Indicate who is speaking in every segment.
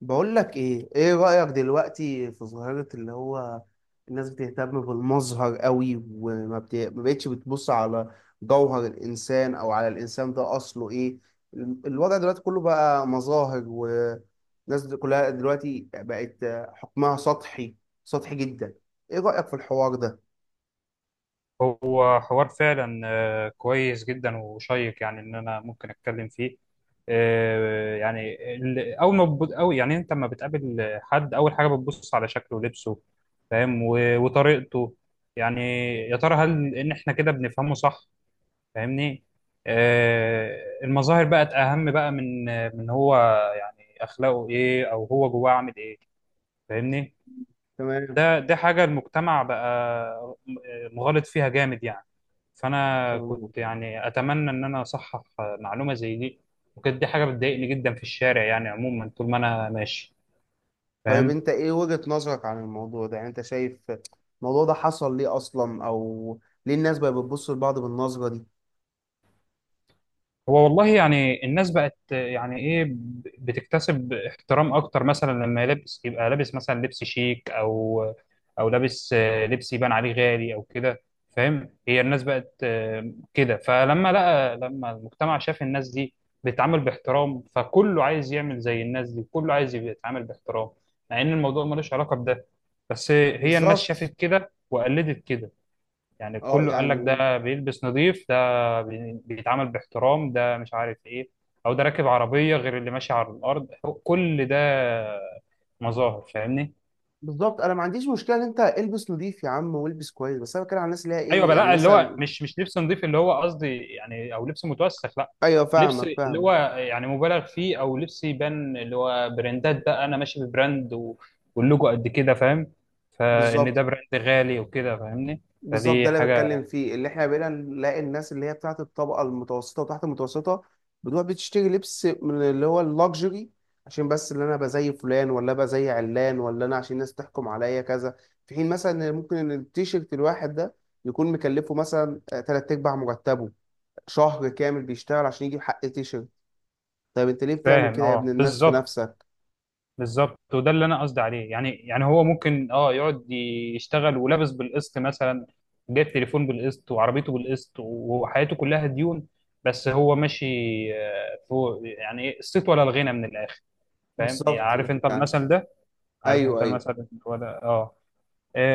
Speaker 1: بقول لك ايه رأيك دلوقتي في ظاهرة اللي هو الناس بتهتم بالمظهر قوي، ما بقتش بتبص على جوهر الانسان او على الانسان ده اصله ايه. الوضع دلوقتي كله بقى مظاهر، والناس دي كلها دلوقتي بقت حكمها سطحي، سطحي جدا. ايه رأيك في الحوار ده؟
Speaker 2: هو حوار فعلا كويس جدا وشيق، يعني ان انا ممكن اتكلم فيه. يعني اول ما أو يعني انت لما بتقابل حد، اول حاجه بتبص على شكله ولبسه، فاهم؟ و- وطريقته، يعني. يا ترى هل ان احنا كده بنفهمه صح؟ فاهمني؟ آه، المظاهر بقت اهم بقى من هو، يعني اخلاقه ايه او هو جواه عامل ايه، فاهمني؟
Speaker 1: تمام.
Speaker 2: ده حاجة المجتمع بقى مغالط فيها جامد يعني. فأنا
Speaker 1: تمام.
Speaker 2: كنت يعني أتمنى إن أنا أصحح معلومة زي دي، وكانت دي حاجة بتضايقني جدا في الشارع، يعني عموما طول ما أنا ماشي،
Speaker 1: طيب
Speaker 2: فاهم؟
Speaker 1: انت ايه وجهة نظرك عن الموضوع ده؟ يعني انت شايف الموضوع ده حصل ليه اصلا، او ليه الناس بقت بتبص لبعض بالنظرة دي؟
Speaker 2: هو والله يعني الناس بقت يعني ايه، بتكتسب احترام اكتر مثلا لما يلبس يبقى لابس مثلا لبس شيك، او لابس لبس يبان عليه غالي او كده، فاهم؟ هي الناس بقت كده، فلما لقى لما المجتمع شاف الناس دي بتتعامل باحترام، فكله عايز يعمل زي الناس دي، كله عايز يبقى يتعامل باحترام، مع ان الموضوع ملوش علاقة بده. بس هي الناس
Speaker 1: بالظبط.
Speaker 2: شافت كده وقلدت كده. يعني
Speaker 1: اه
Speaker 2: كله قال لك:
Speaker 1: يعني.
Speaker 2: ده بيلبس نظيف، ده بيتعامل باحترام، ده مش عارف ايه، او ده راكب عربية غير اللي ماشي على الارض. هو كل ده مظاهر، فاهمني؟
Speaker 1: بالظبط انا ما عنديش مشكله ان انت البس نظيف يا عم والبس كويس، بس انا بتكلم على الناس اللي هي
Speaker 2: ايوه
Speaker 1: ايه
Speaker 2: بقى،
Speaker 1: يعني
Speaker 2: لا، اللي هو
Speaker 1: مثلا.
Speaker 2: مش لبس نظيف اللي هو قصدي يعني، او لبس متوسخ، لا.
Speaker 1: ايوه،
Speaker 2: لبس
Speaker 1: فاهمك،
Speaker 2: اللي
Speaker 1: فاهم.
Speaker 2: هو يعني مبالغ فيه، او لبس يبان اللي هو براندات بقى، انا ماشي ببراند و... واللوجو قد كده، فاهم؟ فان ده
Speaker 1: بالظبط.
Speaker 2: براند غالي وكده، فاهمني؟
Speaker 1: بالظبط،
Speaker 2: فدي
Speaker 1: ده اللي بتكلم
Speaker 2: حاجة.
Speaker 1: فيه، اللي احنا بقينا نلاقي الناس اللي هي بتاعت الطبقه المتوسطه وتحت المتوسطه بتروح بتشتري لبس من اللي هو اللوكسجري عشان بس اللي انا ابقى زي فلان، ولا ابقى زي علان، ولا انا عشان الناس تحكم عليا كذا. في حين مثلا إن ممكن ان التيشيرت الواحد ده يكون مكلفه مثلا تلات ارباع مرتبه، شهر كامل بيشتغل عشان يجيب حق تيشيرت. طيب انت ليه بتعمل
Speaker 2: فاهم.
Speaker 1: كده يا ابن
Speaker 2: اه،
Speaker 1: الناس في
Speaker 2: بالظبط.
Speaker 1: نفسك؟
Speaker 2: بالظبط، وده اللي انا قصدي عليه، يعني هو ممكن يقعد يشتغل ولابس بالقسط مثلا، جايب تليفون بالقسط، وعربيته بالقسط، وحياته كلها ديون، بس هو ماشي فوق، يعني إيه، الصيت ولا الغنى من الاخر. فاهم؟ يعني
Speaker 1: بالظبط.
Speaker 2: عارف انت
Speaker 1: يعني.
Speaker 2: المثل ده؟ عارف
Speaker 1: ايوه،
Speaker 2: انت
Speaker 1: ايوه.
Speaker 2: المثل ولا، اه.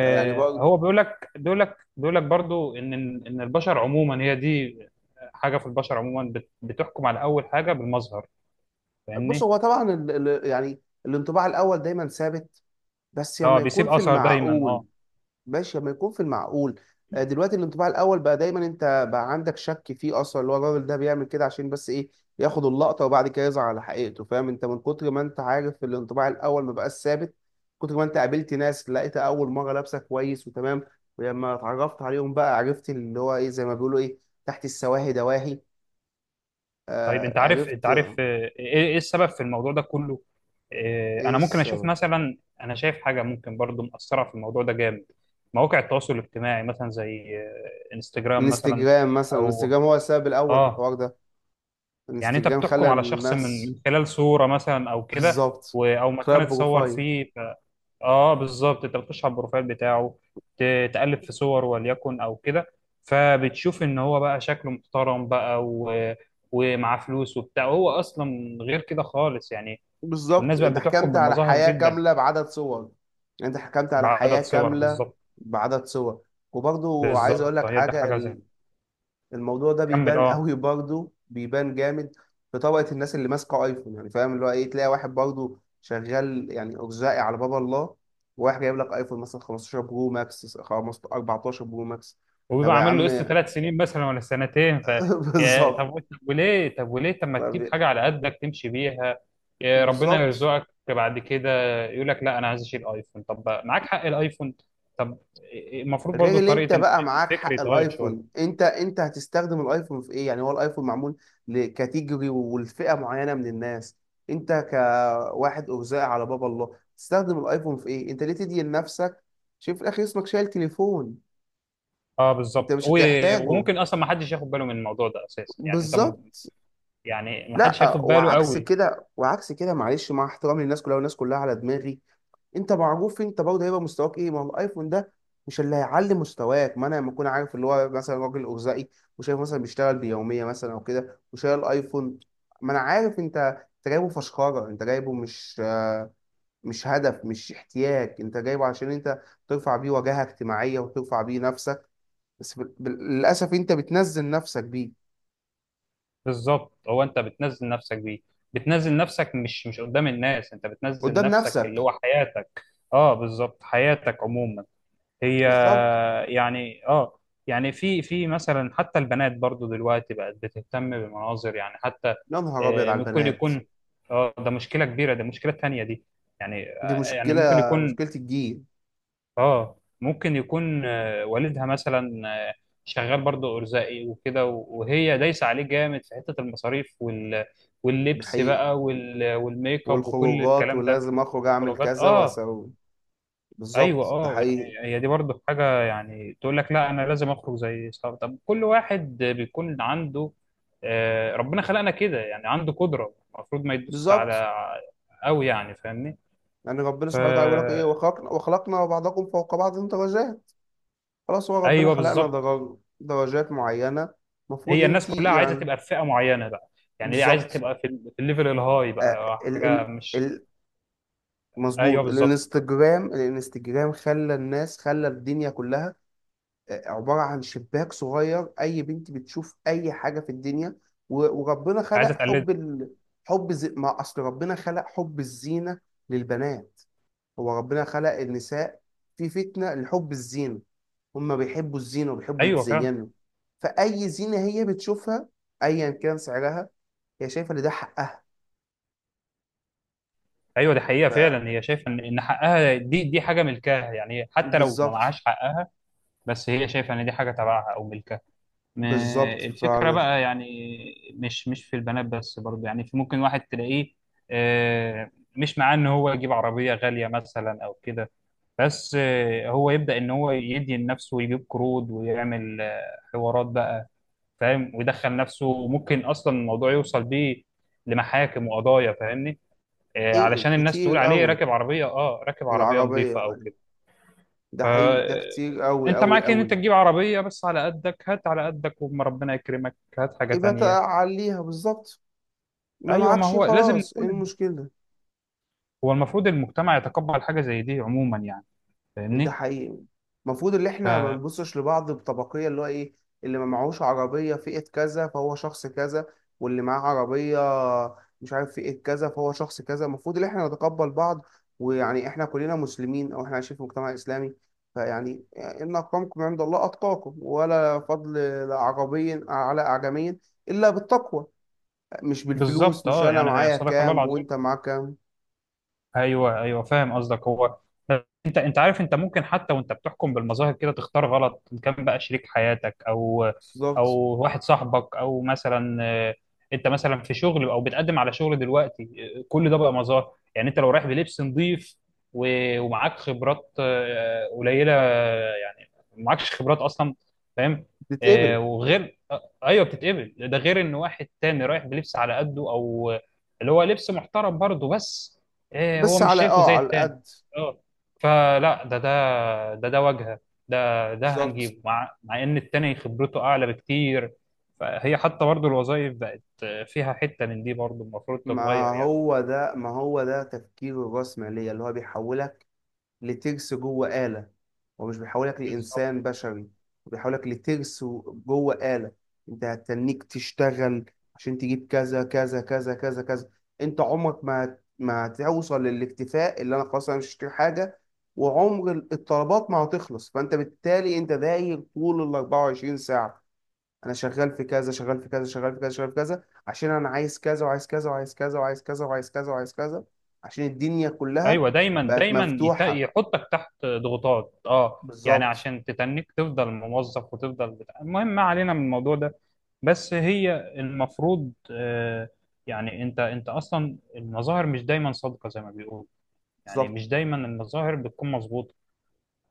Speaker 1: يعني برضه.
Speaker 2: هو بيقول لك برضو ان البشر عموما هي دي حاجه في البشر عموما بتحكم على اول حاجه بالمظهر،
Speaker 1: بص،
Speaker 2: فاهمني؟
Speaker 1: هو طبعا يعني الانطباع الاول دايما ثابت، بس
Speaker 2: اه،
Speaker 1: لما
Speaker 2: بيسيب
Speaker 1: يكون في
Speaker 2: اثر دايما،
Speaker 1: المعقول.
Speaker 2: اه.
Speaker 1: ماشي، لما يكون في المعقول. دلوقتي الانطباع الاول بقى دايما انت بقى عندك شك فيه اصلا، اللي هو الراجل ده بيعمل كده عشان بس ايه، ياخد اللقطه وبعد كده يظهر على حقيقته. فاهم، انت من كتر ما انت عارف الانطباع الاول ما بقاش ثابت. كتر ما انت قابلت ناس لقيت اول مره لابسه كويس وتمام، ولما اتعرفت عليهم بقى عرفت اللي هو ايه، زي ما بيقولوا ايه، تحت السواهي دواهي.
Speaker 2: طيب، انت
Speaker 1: آه،
Speaker 2: عارف انت
Speaker 1: عرفت.
Speaker 2: عارف إيه السبب في الموضوع ده كله؟
Speaker 1: ايه
Speaker 2: انا ممكن اشوف
Speaker 1: السبب؟
Speaker 2: مثلا، انا شايف حاجه ممكن برضو مأثره في الموضوع ده جامد. مواقع التواصل الاجتماعي مثلا، زي انستجرام مثلا.
Speaker 1: انستجرام مثلا.
Speaker 2: او
Speaker 1: انستجرام هو السبب الاول في
Speaker 2: اه
Speaker 1: الحوار ده.
Speaker 2: يعني انت
Speaker 1: انستجرام
Speaker 2: بتحكم
Speaker 1: خلى
Speaker 2: على شخص من
Speaker 1: الناس.
Speaker 2: من خلال صوره مثلا او كده،
Speaker 1: بالظبط.
Speaker 2: او
Speaker 1: خلى
Speaker 2: مكان اتصور
Speaker 1: بروفايل.
Speaker 2: فيه. اه، بالظبط، انت بتخش على البروفايل بتاعه، تقلب في صور وليكن او كده، فبتشوف ان هو بقى شكله محترم بقى و... ومعاه فلوس وبتاع. هو اصلا غير كده خالص يعني.
Speaker 1: بالظبط،
Speaker 2: والناس بقت
Speaker 1: انت
Speaker 2: بتحكم
Speaker 1: حكمت على
Speaker 2: بالمظاهر
Speaker 1: حياة
Speaker 2: جدا.
Speaker 1: كاملة بعدد صور. انت حكمت على حياة
Speaker 2: بعدد صور،
Speaker 1: كاملة
Speaker 2: بالظبط.
Speaker 1: بعدد صور. وبرضو عايز اقول
Speaker 2: بالظبط،
Speaker 1: لك
Speaker 2: هي دي
Speaker 1: حاجة.
Speaker 2: حاجه زي.
Speaker 1: الموضوع ده
Speaker 2: كمل،
Speaker 1: بيبان
Speaker 2: اه.
Speaker 1: قوي، برضو بيبان جامد في طبقة الناس اللي ماسكة ايفون يعني. فاهم اللي هو ايه، تلاقي واحد برضو شغال يعني ارزاقي على باب الله، وواحد جايب لك ايفون مثلا 15 برو ماكس، 15، 14 برو ماكس. طب
Speaker 2: وبيبقى
Speaker 1: يا
Speaker 2: عامل له
Speaker 1: عم.
Speaker 2: قسط 3 سنين مثلا ولا سنتين، يا طب،
Speaker 1: بالظبط.
Speaker 2: وليه طب ما تجيب
Speaker 1: طب-
Speaker 2: حاجه على قدك تمشي بيها؟ يا ربنا
Speaker 1: بالظبط.
Speaker 2: يرزقك بعد كده. يقول لك: لا، انا عايز اشيل ايفون. طب معاك حق الايفون؟ طب، المفروض
Speaker 1: غير
Speaker 2: برضو
Speaker 1: اللي انت
Speaker 2: طريقه
Speaker 1: بقى معاك
Speaker 2: الفكر
Speaker 1: حق
Speaker 2: يتغير
Speaker 1: الايفون،
Speaker 2: شويه.
Speaker 1: انت هتستخدم الايفون في ايه يعني؟ هو الايفون معمول لكاتيجوري ولفئة معينة من الناس. انت كواحد ارزاق على باب الله تستخدم الايفون في ايه؟ انت ليه تدي لنفسك؟ شوف في الاخر اسمك شايل تليفون.
Speaker 2: اه،
Speaker 1: انت
Speaker 2: بالظبط،
Speaker 1: مش
Speaker 2: و-
Speaker 1: هتحتاجه.
Speaker 2: وممكن اصلا ما حدش ياخد باله من الموضوع ده اساسا، يعني انت
Speaker 1: بالظبط.
Speaker 2: يعني ما حدش
Speaker 1: لا،
Speaker 2: هياخد باله
Speaker 1: وعكس
Speaker 2: قوي.
Speaker 1: كده، وعكس كده، معلش مع احترامي للناس كلها والناس كلها على دماغي. انت معروف، انت برضه هيبقى مستواك ايه. ما هو الايفون ده مش اللي هيعلي مستواك. ما انا لما اكون عارف اللي هو مثلا راجل ارزاقي، وشايف مثلا بيشتغل بيوميه مثلا او كده وشايل الايفون، ما انا عارف انت جايبه فشخره، انت جايبه مش هدف، مش احتياج. انت جايبه عشان انت ترفع بيه واجهه اجتماعيه وترفع بيه نفسك. بس للاسف انت بتنزل نفسك بيه
Speaker 2: بالظبط، هو انت بتنزل نفسك بيه، بتنزل نفسك، مش قدام الناس، انت بتنزل
Speaker 1: قدام
Speaker 2: نفسك، اللي
Speaker 1: نفسك.
Speaker 2: هو حياتك. اه، بالظبط، حياتك عموما هي.
Speaker 1: بالظبط.
Speaker 2: يعني يعني في مثلا حتى البنات برضو دلوقتي بقت بتهتم بمناظر، يعني حتى
Speaker 1: يا نهار ابيض على
Speaker 2: ممكن
Speaker 1: البنات.
Speaker 2: يكون، اه، ده مشكلة كبيرة، ده مشكلة تانية دي. يعني
Speaker 1: دي
Speaker 2: يعني
Speaker 1: مشكلة،
Speaker 2: ممكن يكون
Speaker 1: مشكلة الجيل.
Speaker 2: اه ممكن يكون والدها مثلا، آه، شغال برضه ارزاقي وكده، و- وهي دايسه عليه جامد في حته المصاريف وال...
Speaker 1: ده
Speaker 2: واللبس
Speaker 1: حقيقي.
Speaker 2: بقى، وال... والميك اب وكل
Speaker 1: والخروجات،
Speaker 2: الكلام ده،
Speaker 1: ولازم أخرج أعمل
Speaker 2: والخروجات،
Speaker 1: كذا
Speaker 2: اه.
Speaker 1: وأسوي.
Speaker 2: ايوه
Speaker 1: بالظبط، ده
Speaker 2: اه، يعني
Speaker 1: حقيقي.
Speaker 2: هي دي برضه حاجه، يعني تقول لك: لا، انا لازم اخرج زي صحابي. طب كل واحد بيكون عنده ربنا خلقنا كده، يعني عنده قدره، المفروض ما يدوس
Speaker 1: بالظبط.
Speaker 2: على قوي يعني، فاهمني؟
Speaker 1: يعني ربنا سبحانه وتعالى بيقول لك
Speaker 2: فا
Speaker 1: إيه، وخلقنا، وخلقنا بعضكم فوق بعض درجات. خلاص، هو ربنا
Speaker 2: ايوه
Speaker 1: خلقنا
Speaker 2: بالظبط.
Speaker 1: درجات معينة، المفروض
Speaker 2: هي الناس
Speaker 1: أنت
Speaker 2: كلها عايزه
Speaker 1: يعني.
Speaker 2: تبقى في فئه معينه بقى، يعني ليه عايزه
Speaker 1: بالظبط.
Speaker 2: تبقى في الليفل الهاي
Speaker 1: آه
Speaker 2: بقى،
Speaker 1: ال
Speaker 2: حاجه
Speaker 1: ال
Speaker 2: مش.
Speaker 1: ال-
Speaker 2: ايوه
Speaker 1: مظبوط.
Speaker 2: بالظبط.
Speaker 1: الانستجرام خلى الناس، خلى الدنيا كلها عبارة عن شباك صغير. أي بنت بتشوف أي حاجة في الدنيا، وربنا خلق
Speaker 2: عايزه تقلد.
Speaker 1: ما أصل ربنا خلق حب الزينة للبنات. هو ربنا خلق النساء في فتنة لحب الزينة، هما بيحبوا الزينة وبيحبوا
Speaker 2: ايوه فعلا.
Speaker 1: يتزينوا. فأي زينة هي بتشوفها، أيا كان سعرها، هي شايفة إن ده حقها.
Speaker 2: ايوه، دي حقيقه
Speaker 1: ف...
Speaker 2: فعلا، هي شايفه ان حقها، دي حاجه ملكها، يعني حتى لو ما
Speaker 1: بالظبط.
Speaker 2: معهاش حقها. بس هي شايفه ان دي حاجه تبعها او ملكها. ما
Speaker 1: بالظبط
Speaker 2: الفكرة
Speaker 1: فعلا.
Speaker 2: بقى، يعني مش في البنات بس، برضه يعني في ممكن واحد تلاقيه آه، مش معاه ان هو يجيب عربية غالية مثلا او كده، بس هو يبدأ ان هو يدي لنفسه ويجيب قروض ويعمل حوارات بقى، فاهم؟ ويدخل نفسه، وممكن اصلا الموضوع يوصل بيه لمحاكم وقضايا، فاهمني؟
Speaker 1: إيه،
Speaker 2: علشان الناس تقول
Speaker 1: كتير
Speaker 2: عليه
Speaker 1: أوي،
Speaker 2: راكب عربية
Speaker 1: العربية
Speaker 2: نظيفة، او
Speaker 1: يعني. ده حقيقي، ده كتير أوي
Speaker 2: فانت
Speaker 1: أوي
Speaker 2: معاك ان انت
Speaker 1: أوي.
Speaker 2: تجيب عربيه بس على قدك. هات على قدك، وما ربنا يكرمك هات حاجه
Speaker 1: يبقى
Speaker 2: تانية.
Speaker 1: تعليها. بالظبط. ما
Speaker 2: ايوه، ما
Speaker 1: معكش
Speaker 2: هو لازم
Speaker 1: خلاص، ايه
Speaker 2: نكون،
Speaker 1: المشكلة؟
Speaker 2: هو المفروض المجتمع يتقبل حاجه زي دي عموما يعني،
Speaker 1: ده
Speaker 2: فاهمني؟
Speaker 1: حقيقي. المفروض اللي احنا ما نبصش لبعض بطبقية، اللي هو ايه، اللي ما معهوش عربية فئة كذا فهو شخص كذا، واللي معاه عربية مش عارف فئة كذا فهو شخص كذا. المفروض اللي احنا نتقبل بعض، ويعني احنا كلنا مسلمين، او احنا عايشين في مجتمع اسلامي. فيعني ان اكرمكم عند الله اتقاكم، ولا فضل عربي على اعجمي الا بالتقوى. مش بالفلوس،
Speaker 2: فبالظبط،
Speaker 1: مش
Speaker 2: اه،
Speaker 1: انا
Speaker 2: يعني
Speaker 1: معايا
Speaker 2: صدق الله
Speaker 1: كام
Speaker 2: العظيم.
Speaker 1: وانت معاك كام.
Speaker 2: ايوه، ايوه، فاهم قصدك. هو انت عارف، انت ممكن حتى وانت بتحكم بالمظاهر كده تختار غلط، إن كان بقى شريك حياتك او
Speaker 1: بالظبط.
Speaker 2: واحد صاحبك، او مثلا انت مثلا في شغل او بتقدم على شغل دلوقتي. كل ده بقى مظاهر، يعني انت لو رايح بلبس نظيف و- ومعاك خبرات قليله، يعني معكش خبرات اصلا، فاهم؟
Speaker 1: تتقبل.
Speaker 2: وغير ايوه بتتقبل، ده غير ان واحد تاني رايح بلبس على قده، او اللي هو لبس محترم برضه، بس إيه، هو
Speaker 1: بس
Speaker 2: مش شايفه زي
Speaker 1: على
Speaker 2: التاني.
Speaker 1: القد.
Speaker 2: اه، فلا، ده واجهه، ده
Speaker 1: بالظبط.
Speaker 2: هنجيبه، مع ان التاني خبرته اعلى بكتير. فهي حتى برضه الوظائف بقت فيها حته من دي، برضه المفروض
Speaker 1: ما
Speaker 2: تتغير يعني.
Speaker 1: هو ده ما هو ده تفكير الرأسمالية، اللي هو بيحولك لترس جوه آلة. هو مش بيحولك
Speaker 2: بالظبط.
Speaker 1: لإنسان بشري، هو بيحولك لترس جوه آلة. انت هتستنيك تشتغل عشان تجيب كذا كذا كذا كذا كذا. انت عمرك ما هتوصل للاكتفاء اللي انا خلاص انا مش هشتري حاجة، وعمر الطلبات ما هتخلص. فانت بالتالي انت داير طول ال 24 ساعة، انا شغال في كذا، شغال في كذا، شغال في كذا، شغال في كذا، عشان انا عايز كذا، وعايز كذا، وعايز كذا، وعايز كذا، وعايز كذا، وعايز كذا، عشان الدنيا كلها
Speaker 2: ايوه دايما
Speaker 1: بقت
Speaker 2: دايما يت-
Speaker 1: مفتوحة.
Speaker 2: يحطك تحت ضغوطات، يعني
Speaker 1: بالظبط.
Speaker 2: عشان تتنك تفضل موظف وتفضل بتاع. المهم، ما علينا من الموضوع ده. بس هي المفروض يعني انت اصلا المظاهر مش دايما صادقه زي ما بيقولوا، يعني
Speaker 1: بالظبط.
Speaker 2: مش دايما المظاهر بتكون مظبوطه،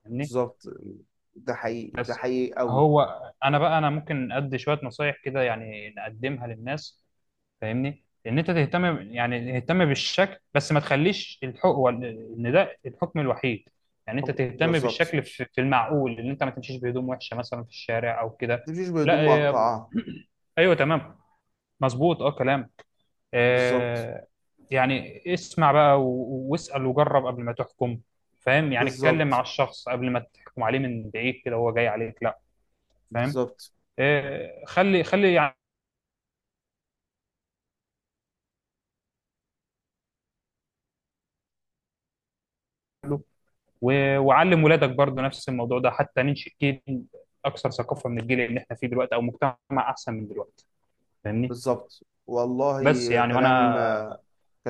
Speaker 2: فاهمني؟
Speaker 1: بالظبط، ده حقيقي، ده
Speaker 2: بس
Speaker 1: حقيقي قوي.
Speaker 2: هو، انا ممكن ادي شويه نصايح كده يعني نقدمها للناس، فاهمني؟ ان انت تهتم، يعني تهتم بالشكل، بس ما تخليش الحكم ان ده الحكم الوحيد، يعني انت تهتم
Speaker 1: بالظبط،
Speaker 2: بالشكل في المعقول، ان انت ما تمشيش بهدوم وحشه مثلا في الشارع او
Speaker 1: ما
Speaker 2: كده.
Speaker 1: تمشيش بهدوم
Speaker 2: لا
Speaker 1: مقطعة.
Speaker 2: ايوه، تمام، مظبوط، اه، كلام.
Speaker 1: بالظبط.
Speaker 2: آه، يعني اسمع بقى، و- واسأل وجرب قبل ما تحكم. فاهم؟ يعني اتكلم مع
Speaker 1: بالظبط.
Speaker 2: الشخص قبل ما تحكم عليه من بعيد كده هو جاي عليك، لا، فاهم؟
Speaker 1: بالظبط.
Speaker 2: خلي خلي يعمله، و- وعلم ولادك برضه نفس الموضوع ده، حتى ننشئ جيل اكثر ثقافة من الجيل اللي احنا فيه دلوقتي، او مجتمع احسن من دلوقتي، فاهمني؟
Speaker 1: بالظبط والله.
Speaker 2: بس يعني،
Speaker 1: كلام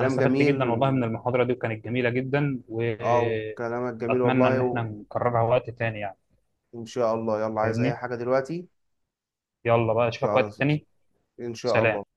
Speaker 2: انا استفدت
Speaker 1: جميل
Speaker 2: جدا والله من
Speaker 1: و.
Speaker 2: المحاضرة دي، وكانت جميلة جدا،
Speaker 1: اه كلامك جميل
Speaker 2: واتمنى ان
Speaker 1: والله
Speaker 2: احنا نكررها وقت تاني يعني،
Speaker 1: ان شاء الله. يلا، عايز اي
Speaker 2: فاهمني؟
Speaker 1: حاجة دلوقتي؟
Speaker 2: يلا بقى اشوفك
Speaker 1: يلا.
Speaker 2: وقت تاني.
Speaker 1: ان شاء الله.
Speaker 2: سلام.